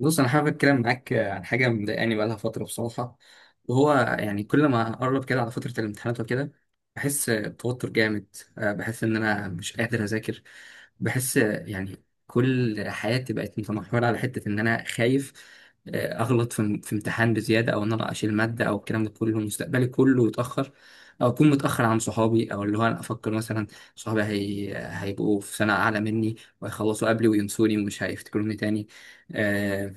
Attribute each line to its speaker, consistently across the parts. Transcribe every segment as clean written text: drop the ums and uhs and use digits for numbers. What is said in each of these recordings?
Speaker 1: بص، انا حابب اتكلم معاك عن حاجه مضايقاني بقالها فتره بصراحه. وهو يعني كل ما اقرب كده على فتره الامتحانات وكده بحس بتوتر جامد. بحس ان انا مش قادر اذاكر. بحس يعني كل حياتي بقت متمحوره على حته ان انا خايف، اغلط في امتحان بزياده، او ان انا اشيل ماده، او الكلام ده كله مستقبلي كله يتاخر، او اكون متاخر عن صحابي، او اللي هو انا افكر مثلا صحابي هيبقوا في سنه اعلى مني، وهيخلصوا قبلي وينسوني ومش هيفتكروني تاني. آه،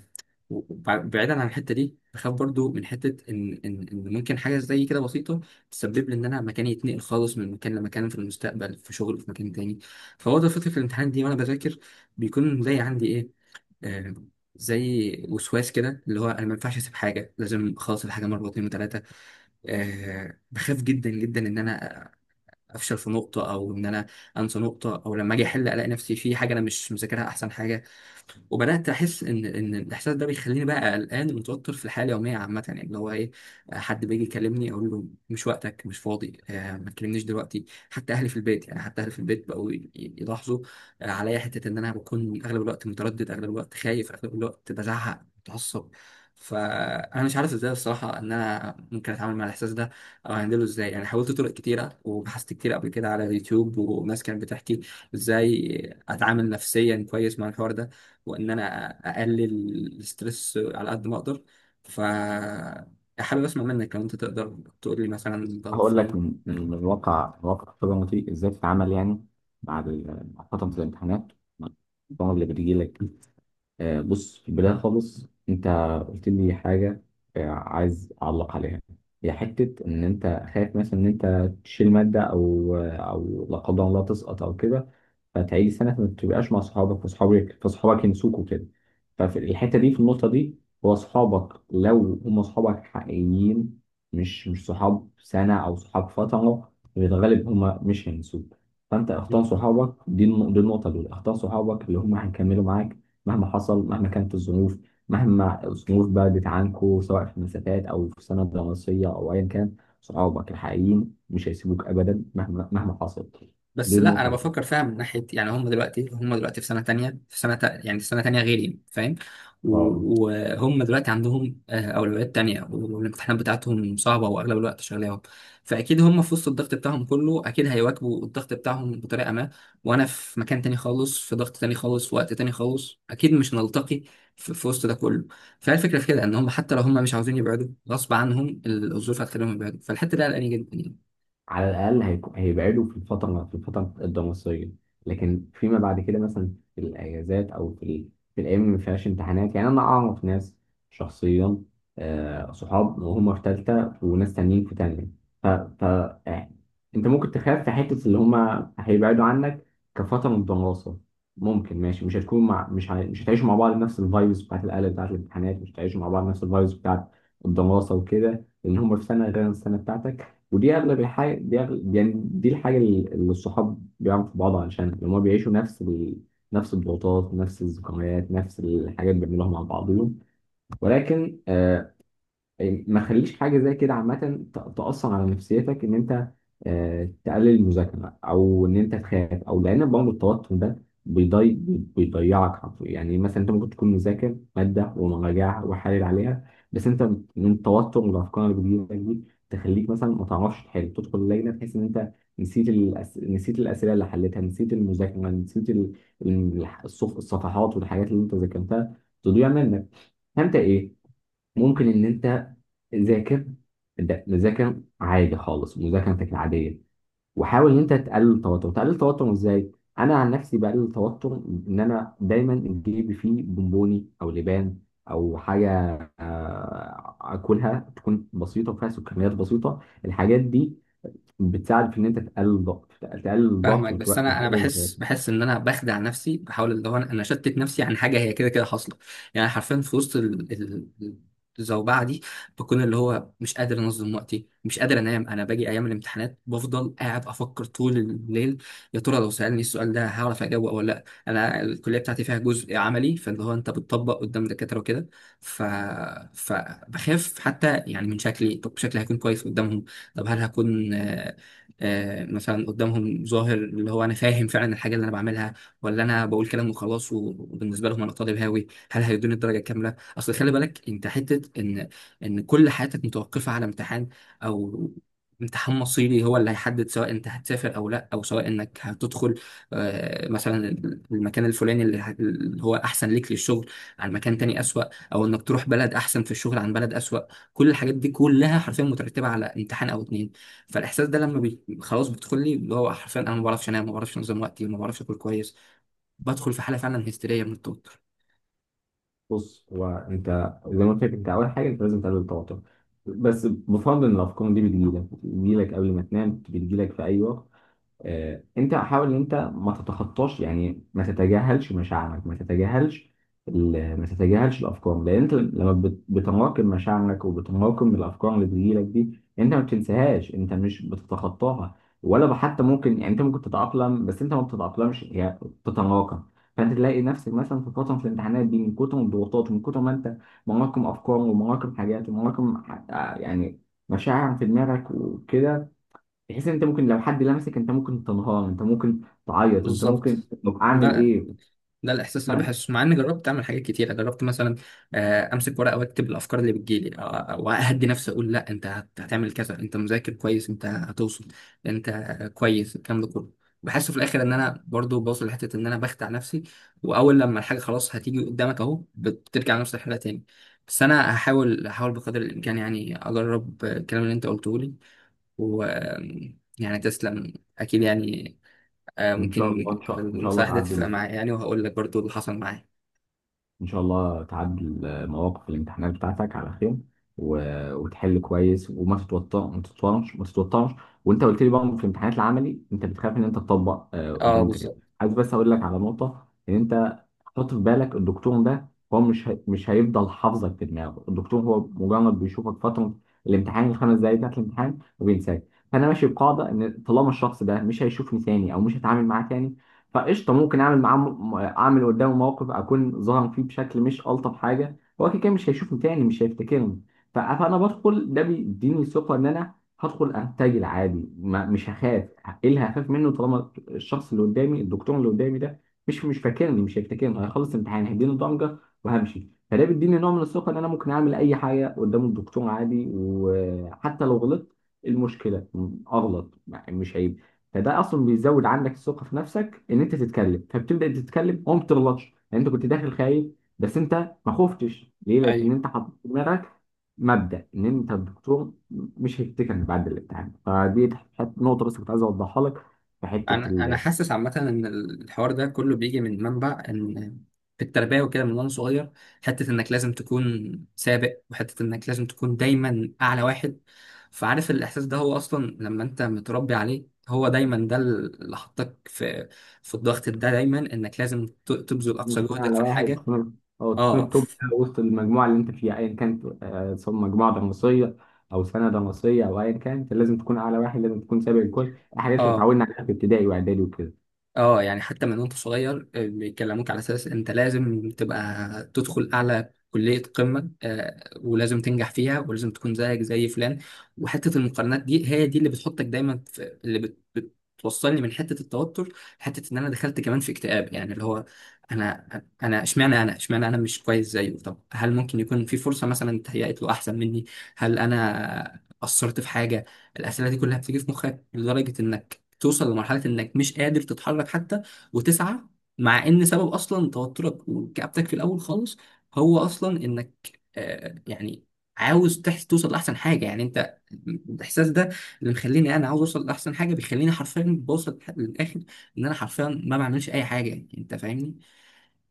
Speaker 1: بعيدا عن الحته دي، بخاف برضو من حته ان ممكن حاجه زي كده بسيطه تسبب لي ان انا مكاني يتنقل خالص من مكان لمكان في المستقبل، في شغل في مكان تاني. فهو ده فكره الامتحان دي، وانا بذاكر بيكون زي عندي ايه، آه زي وسواس كده، اللي هو انا ما ينفعش اسيب حاجه، لازم اخلص الحاجه مره واثنين وثلاثه. بخاف جدا جدا ان انا افشل في نقطه، او ان انا انسى نقطه، او لما اجي احل الاقي نفسي في حاجه انا مش مذاكرها احسن حاجه. وبدات احس ان الاحساس ده بيخليني بقى قلقان ومتوتر في الحياه اليوميه عامه، يعني اللي هو ايه، حد بيجي يكلمني اقول له مش وقتك، مش فاضي، ما تكلمنيش دلوقتي. حتى اهلي في البيت، بقوا يلاحظوا عليا حته ان انا بكون اغلب الوقت متردد، اغلب الوقت خايف، اغلب الوقت بزعق متعصب. فانا مش عارف ازاي الصراحه ان انا ممكن اتعامل مع الاحساس ده، او هندله ازاي. يعني حاولت طرق كتيره، وبحثت كتير قبل كده على اليوتيوب، وناس كانت بتحكي ازاي اتعامل نفسيا كويس مع الحوار ده، وان انا اقلل الستريس على قد ما اقدر. ف حابب اسمع منك لو انت تقدر تقول لي مثلا لو
Speaker 2: هقول لك
Speaker 1: في.
Speaker 2: من الواقع، من واقع خبرتي ازاي تتعامل يعني بعد مع فترة الامتحانات، مع الطلبة اللي بتجي لك. بص، في البداية خالص انت قلت لي حاجة، عايز اعلق عليها. هي حتة ان انت خايف مثلا ان انت تشيل مادة او لا قدر الله تسقط او كده، فتعيد السنه فما تبقاش مع صحابك، فصحابك ينسوك كده. ففي الحته دي، في النقطه دي، هو صحابك لو هم صحابك حقيقيين، مش صحاب سنه او صحاب فتره، في الغالب هم مش هينسوك. فانت اختار صحابك، دي النقطه، دول اختار صحابك اللي هم هيكملوا معاك مهما حصل، مهما كانت الظروف، مهما الظروف بعدت عنكوا، سواء في مسافات او في سنه دراسيه او ايا كان. صحابك الحقيقيين مش هيسيبوك ابدا مهما حصل. دي
Speaker 1: بس لا، انا
Speaker 2: النقطه الاولى.
Speaker 1: بفكر فيها من ناحيه، يعني هم دلوقتي في سنه تانية، في سنه تا يعني في سنه تانية غيري، فاهم.
Speaker 2: اه،
Speaker 1: وهم دلوقتي عندهم اولويات تانية، والامتحانات بتاعتهم صعبه، واغلب الوقت شغلاهم. فاكيد هم في وسط الضغط بتاعهم كله، اكيد هيواكبوا الضغط بتاعهم بطريقه ما. وانا في مكان تاني خالص، في ضغط تاني خالص، في وقت تاني خالص، اكيد مش نلتقي في وسط ده كله. فهي الفكره في كده، ان هم حتى لو هم مش عاوزين يبعدوا، غصب عنهم الظروف هتخليهم يبعدوا، فالحته دي قلقاني جدا يعني.
Speaker 2: على الاقل هيبعدوا في الفتره الدراسيه. لكن فيما بعد كده، مثلا في الاجازات او في الايام اللي ما فيهاش امتحانات، يعني انا اعرف ناس شخصيا، صحاب وهم في ثالثه وناس تانيين في تانيه. ف, ف... آه، انت ممكن تخاف في حته اللي هم هيبعدوا عنك كفتره من الدراسه. ممكن ماشي، مش هتكون مع مش ه... مش هتعيشوا مع بعض نفس الفايبس بتاعت القلق، بتاعت الامتحانات، مش هتعيشوا مع بعض نفس الفايبس بتاعت الدراسه وكده لان هم في سنه غير السنه بتاعتك. ودي اغلب الحاجه، دي أغلب يعني، دي الحاجه اللي الصحاب بيعملوا في بعض، علشان لما هما بيعيشوا نفس الضغوطات، نفس الذكريات، نفس الحاجات، بيعملوها مع بعضهم. ولكن ما خليش حاجه زي كده عامه تاثر على نفسيتك، ان انت تقلل المذاكره، او ان انت تخاف، او لان برضه التوتر ده بيضي بيضيعك حرفيا. يعني مثلا انت ممكن تكون مذاكر ماده ومراجعها وحالل عليها، بس انت من التوتر والافكار اللي بتجيلك دي تخليك مثلا ما تعرفش تحل، تدخل اللجنه تحس ان انت نسيت الاسئله اللي حليتها، نسيت المذاكره، نسيت الصفحات والحاجات اللي انت ذاكرتها تضيع منك. فانت ايه، ممكن ان انت ذاكر، ذاكر عادي خالص مذاكرتك العاديه، وحاول ان انت تقلل التوتر. تقلل التوتر ازاي؟ انا عن نفسي بقلل التوتر ان انا دايما جيبي فيه بونبوني او لبان او حاجه، اكلها تكون بسيطه وفيها سكريات بسيطه. الحاجات دي بتساعد في ان انت تقلل الضغط، تقلل الضغط
Speaker 1: فاهمك، بس
Speaker 2: وتقلل
Speaker 1: انا بحس
Speaker 2: التوتر.
Speaker 1: بحس ان انا بخدع نفسي، بحاول اللي هو انا اشتت نفسي عن حاجه هي كده كده حاصله. يعني حرفيا في وسط ال- الزوبعه دي، بكون اللي هو مش قادر انظم وقتي، مش قادر انام. انا باجي ايام الامتحانات بفضل قاعد افكر طول الليل: يا ترى لو سالني السؤال ده هعرف اجاوبه ولا لا؟ انا الكليه بتاعتي فيها جزء عملي، فاللي هو انت بتطبق قدام دكاتره وكده. ف فبخاف حتى يعني من شكلي. طب شكلي هيكون كويس قدامهم؟ طب هل هكون مثلا قدامهم ظاهر اللي هو انا فاهم فعلا الحاجه اللي انا بعملها، ولا انا بقول كلام وخلاص؟ وبالنسبه لهم انا طالب هاوي، هل هيدوني الدرجه الكامله؟ اصل خلي بالك انت، حته ان كل حياتك متوقفه على امتحان، او امتحان مصيري هو اللي هيحدد سواء انت هتسافر او لا، او سواء انك هتدخل مثلا المكان الفلاني اللي هو احسن ليك للشغل عن مكان تاني اسوأ، او انك تروح بلد احسن في الشغل عن بلد اسوأ. كل الحاجات دي كلها حرفيا مترتبه على امتحان او اتنين. فالاحساس ده لما خلاص بيدخل لي، اللي هو حرفيا انا ما بعرفش انام، ما بعرفش انظم وقتي، ما بعرفش اكل كويس، بدخل في حاله فعلا هستيريه من التوتر.
Speaker 2: بص، هو انت زي ما قلت لك، انت اول حاجه انت لازم تقلل التوتر. بس بفضل ان الافكار دي بتجيلك قبل ما تنام، بتجيلك في اي وقت. انت حاول ان انت ما تتخطاش، يعني ما تتجاهلش مشاعرك، ما تتجاهلش الافكار، لان انت لما بتراكم مشاعرك وبتراكم الافكار اللي بتجيلك دي، انت ما بتنساهاش، انت مش بتتخطاها، ولا حتى ممكن يعني انت ممكن تتاقلم. بس انت ما بتتاقلمش، هي بتتراكم. فانت تلاقي نفسك مثلا في فتره، في الامتحانات دي، من كتر الضغوطات ومن كتر ما انت مراكم افكار ومراكم حاجات ومراكم يعني مشاعر في دماغك وكده، بحيث ان انت ممكن لو حد لمسك انت ممكن تنهار، انت ممكن تعيط، انت ممكن،
Speaker 1: بالظبط.
Speaker 2: طب اعمل
Speaker 1: ده
Speaker 2: ايه؟
Speaker 1: ده الاحساس اللي
Speaker 2: فاهم.
Speaker 1: بحسه مع اني جربت اعمل حاجات كتيره. جربت مثلا امسك ورقه واكتب الافكار اللي بتجيلي، واهدي نفسي، اقول: لا، انت هتعمل كذا، انت مذاكر كويس، انت هتوصل، انت كويس، الكلام ده كله. بحس في الاخر ان انا برضو بوصل لحته ان انا بخدع نفسي، واول لما الحاجه خلاص هتيجي قدامك اهو بترجع لنفس الحاله تاني. بس انا هحاول بقدر الامكان، يعني اجرب الكلام اللي انت قلته لي. و يعني تسلم. اكيد يعني، ممكن
Speaker 2: ان شاء الله
Speaker 1: المساعدة
Speaker 2: تعدي،
Speaker 1: تفرق معايا يعني، وهقول لك برضو اللي حصل معايا.
Speaker 2: ان شاء الله تعدل مواقف الامتحانات بتاعتك على خير، و... وتحل كويس، وما تتوتر ما تتوترش، ما تتوترش. وانت قلت لي بقى، في الامتحانات العملي انت بتخاف ان انت تطبق
Speaker 1: اه
Speaker 2: قدام الدكاتره.
Speaker 1: بالظبط.
Speaker 2: عايز بس اقول لك على نقطه ان انت حط في بالك الدكتور ده هو مش هيفضل حافظك في دماغه. الدكتور هو مجرد بيشوفك فتره الامتحان، الـ 5 دقايق بتاعت الامتحان، وبينساك. فانا ماشي بقاعده ان طالما الشخص ده مش هيشوفني تاني او مش هتعامل معاه تاني، فقشطه، ممكن اعمل اعمل قدامه موقف اكون ظاهر فيه بشكل مش الطف حاجه. هو كده كده مش هيشوفني تاني، مش هيفتكرني. فانا بدخل، ده بيديني ثقه ان انا هدخل ارتجل عادي، ما مش هخاف. ايه اللي هخاف منه طالما الشخص اللي قدامي، الدكتور اللي قدامي ده مش فاكرني، مش هيفتكرني؟ هيخلص الامتحان هيديني ضمجه وهمشي. فده بيديني نوع من الثقه ان انا ممكن اعمل اي حاجه قدام الدكتور عادي، وحتى لو غلطت إيه المشكله؟ اغلط يعني، مش هيبقى. فده اصلا بيزود عندك الثقه في نفسك ان انت تتكلم، فبتبدا تتكلم وما بتغلطش. يعني انت كنت داخل خايف، بس انت ما خفتش ليه، لان
Speaker 1: ايوه،
Speaker 2: انت حطيت في دماغك مبدا ان انت الدكتور مش هيفتكرك بعد الامتحان. فدي نقطه بس كنت عايز اوضحها لك. في حته
Speaker 1: انا حاسس عامه ان الحوار ده كله بيجي من منبع ان في التربيه وكده من وانا صغير، حته انك لازم تكون سابق، وحته انك لازم تكون دايما اعلى واحد. فعارف الاحساس ده، هو اصلا لما انت متربي عليه هو دايما، ده اللي حطك في الضغط ده، دايما انك لازم تبذل اقصى
Speaker 2: التخين
Speaker 1: جهدك
Speaker 2: على
Speaker 1: في
Speaker 2: واحد،
Speaker 1: الحاجه.
Speaker 2: تكون
Speaker 1: اه.
Speaker 2: التوب وسط المجموعه اللي انت فيها ايا كانت، سواء مجموعه دراسيه او سنه دراسيه او ايا كانت. لازم تكون اعلى واحد، لازم تكون سابق الكل، الحاجات اللي
Speaker 1: اه،
Speaker 2: اتعودنا عليها في ابتدائي واعدادي وكده.
Speaker 1: اه، يعني حتى من وانت صغير بيكلموك على اساس انت لازم تبقى تدخل اعلى كلية قمة، ولازم تنجح فيها، ولازم تكون زيك زي فلان. وحتة المقارنات دي، هي دي اللي بتحطك دايما في بتوصلني من حتة التوتر لحتة ان انا دخلت كمان في اكتئاب، يعني اللي هو انا انا اشمعنى انا مش كويس زيه. طب هل ممكن يكون في فرصة مثلا اتهيأت له احسن مني؟ هل انا قصرت في حاجة؟ الأسئلة دي كلها بتيجي في مخك لدرجة انك توصل لمرحلة انك مش قادر تتحرك حتى وتسعى، مع ان سبب اصلا توترك وكآبتك في الاول خالص هو اصلا انك يعني عاوز توصل لاحسن حاجة. يعني انت، الاحساس ده اللي مخليني انا عاوز اوصل لاحسن حاجة بيخليني حرفيا بوصل للاخر، ان انا حرفيا ما بعملش اي حاجة. يعني انت فاهمني؟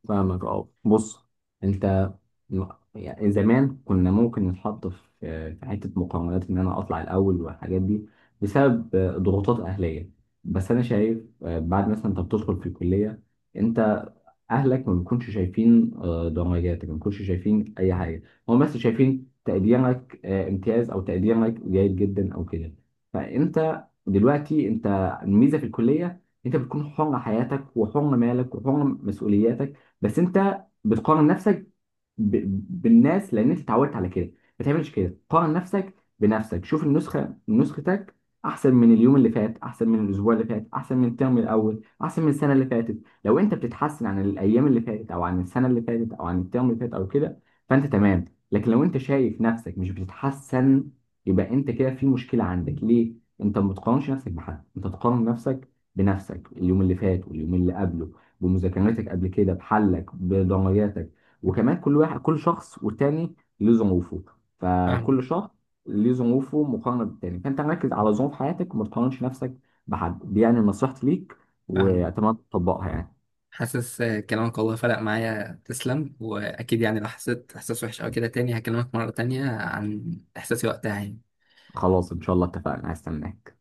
Speaker 2: فاهمك. اه بص، انت م- يعني زمان كنا ممكن نتحط في حته مقارنات ان انا اطلع الاول والحاجات دي، بسبب ضغوطات اهليه. بس انا شايف بعد مثلا انت بتدخل في الكليه، انت اهلك ما بيكونش شايفين درجاتك، ما بيكونش شايفين اي حاجه، هم بس شايفين تقديرك امتياز او تقديرك جيد جدا او كده. فانت دلوقتي انت، الميزه في الكليه انت بتكون حر حياتك، وحر مالك، وحر مسؤولياتك. بس انت بتقارن نفسك ب... بالناس لان انت اتعودت على كده. ما تعملش كده، قارن نفسك بنفسك. شوف نسختك احسن من اليوم اللي فات، احسن من الاسبوع اللي فات، احسن من الترم الاول، احسن من السنه اللي فاتت. لو انت بتتحسن عن الايام اللي فاتت او عن السنه اللي فاتت او عن الترم اللي فات او كده، فانت تمام. لكن لو انت شايف نفسك مش بتتحسن، يبقى انت كده في مشكله. عندك ليه انت ما بتقارنش نفسك بحد؟ انت تقارن نفسك بنفسك، اليوم اللي فات واليوم اللي قبله، بمذاكرتك قبل كده، بحلك، بدرجاتك. وكمان كل شخص والتاني له ظروفه، فكل
Speaker 1: فاهم.
Speaker 2: شخص ليه ظروفه مقارنة بالتاني، فأنت ركز على ظروف حياتك وما تقارنش نفسك بحد. دي يعني نصيحتي ليك،
Speaker 1: فاهم.
Speaker 2: وأتمنى تطبقها يعني.
Speaker 1: حاسس كلامك والله فرق معايا، تسلم. واكيد يعني لو حسيت احساس وحش او كده تاني هكلمك مرة تانية عن احساسي وقتها يعني.
Speaker 2: خلاص إن شاء الله، اتفقنا، هستناك.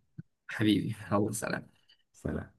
Speaker 1: حبيبي، الله، سلام.
Speaker 2: سلام.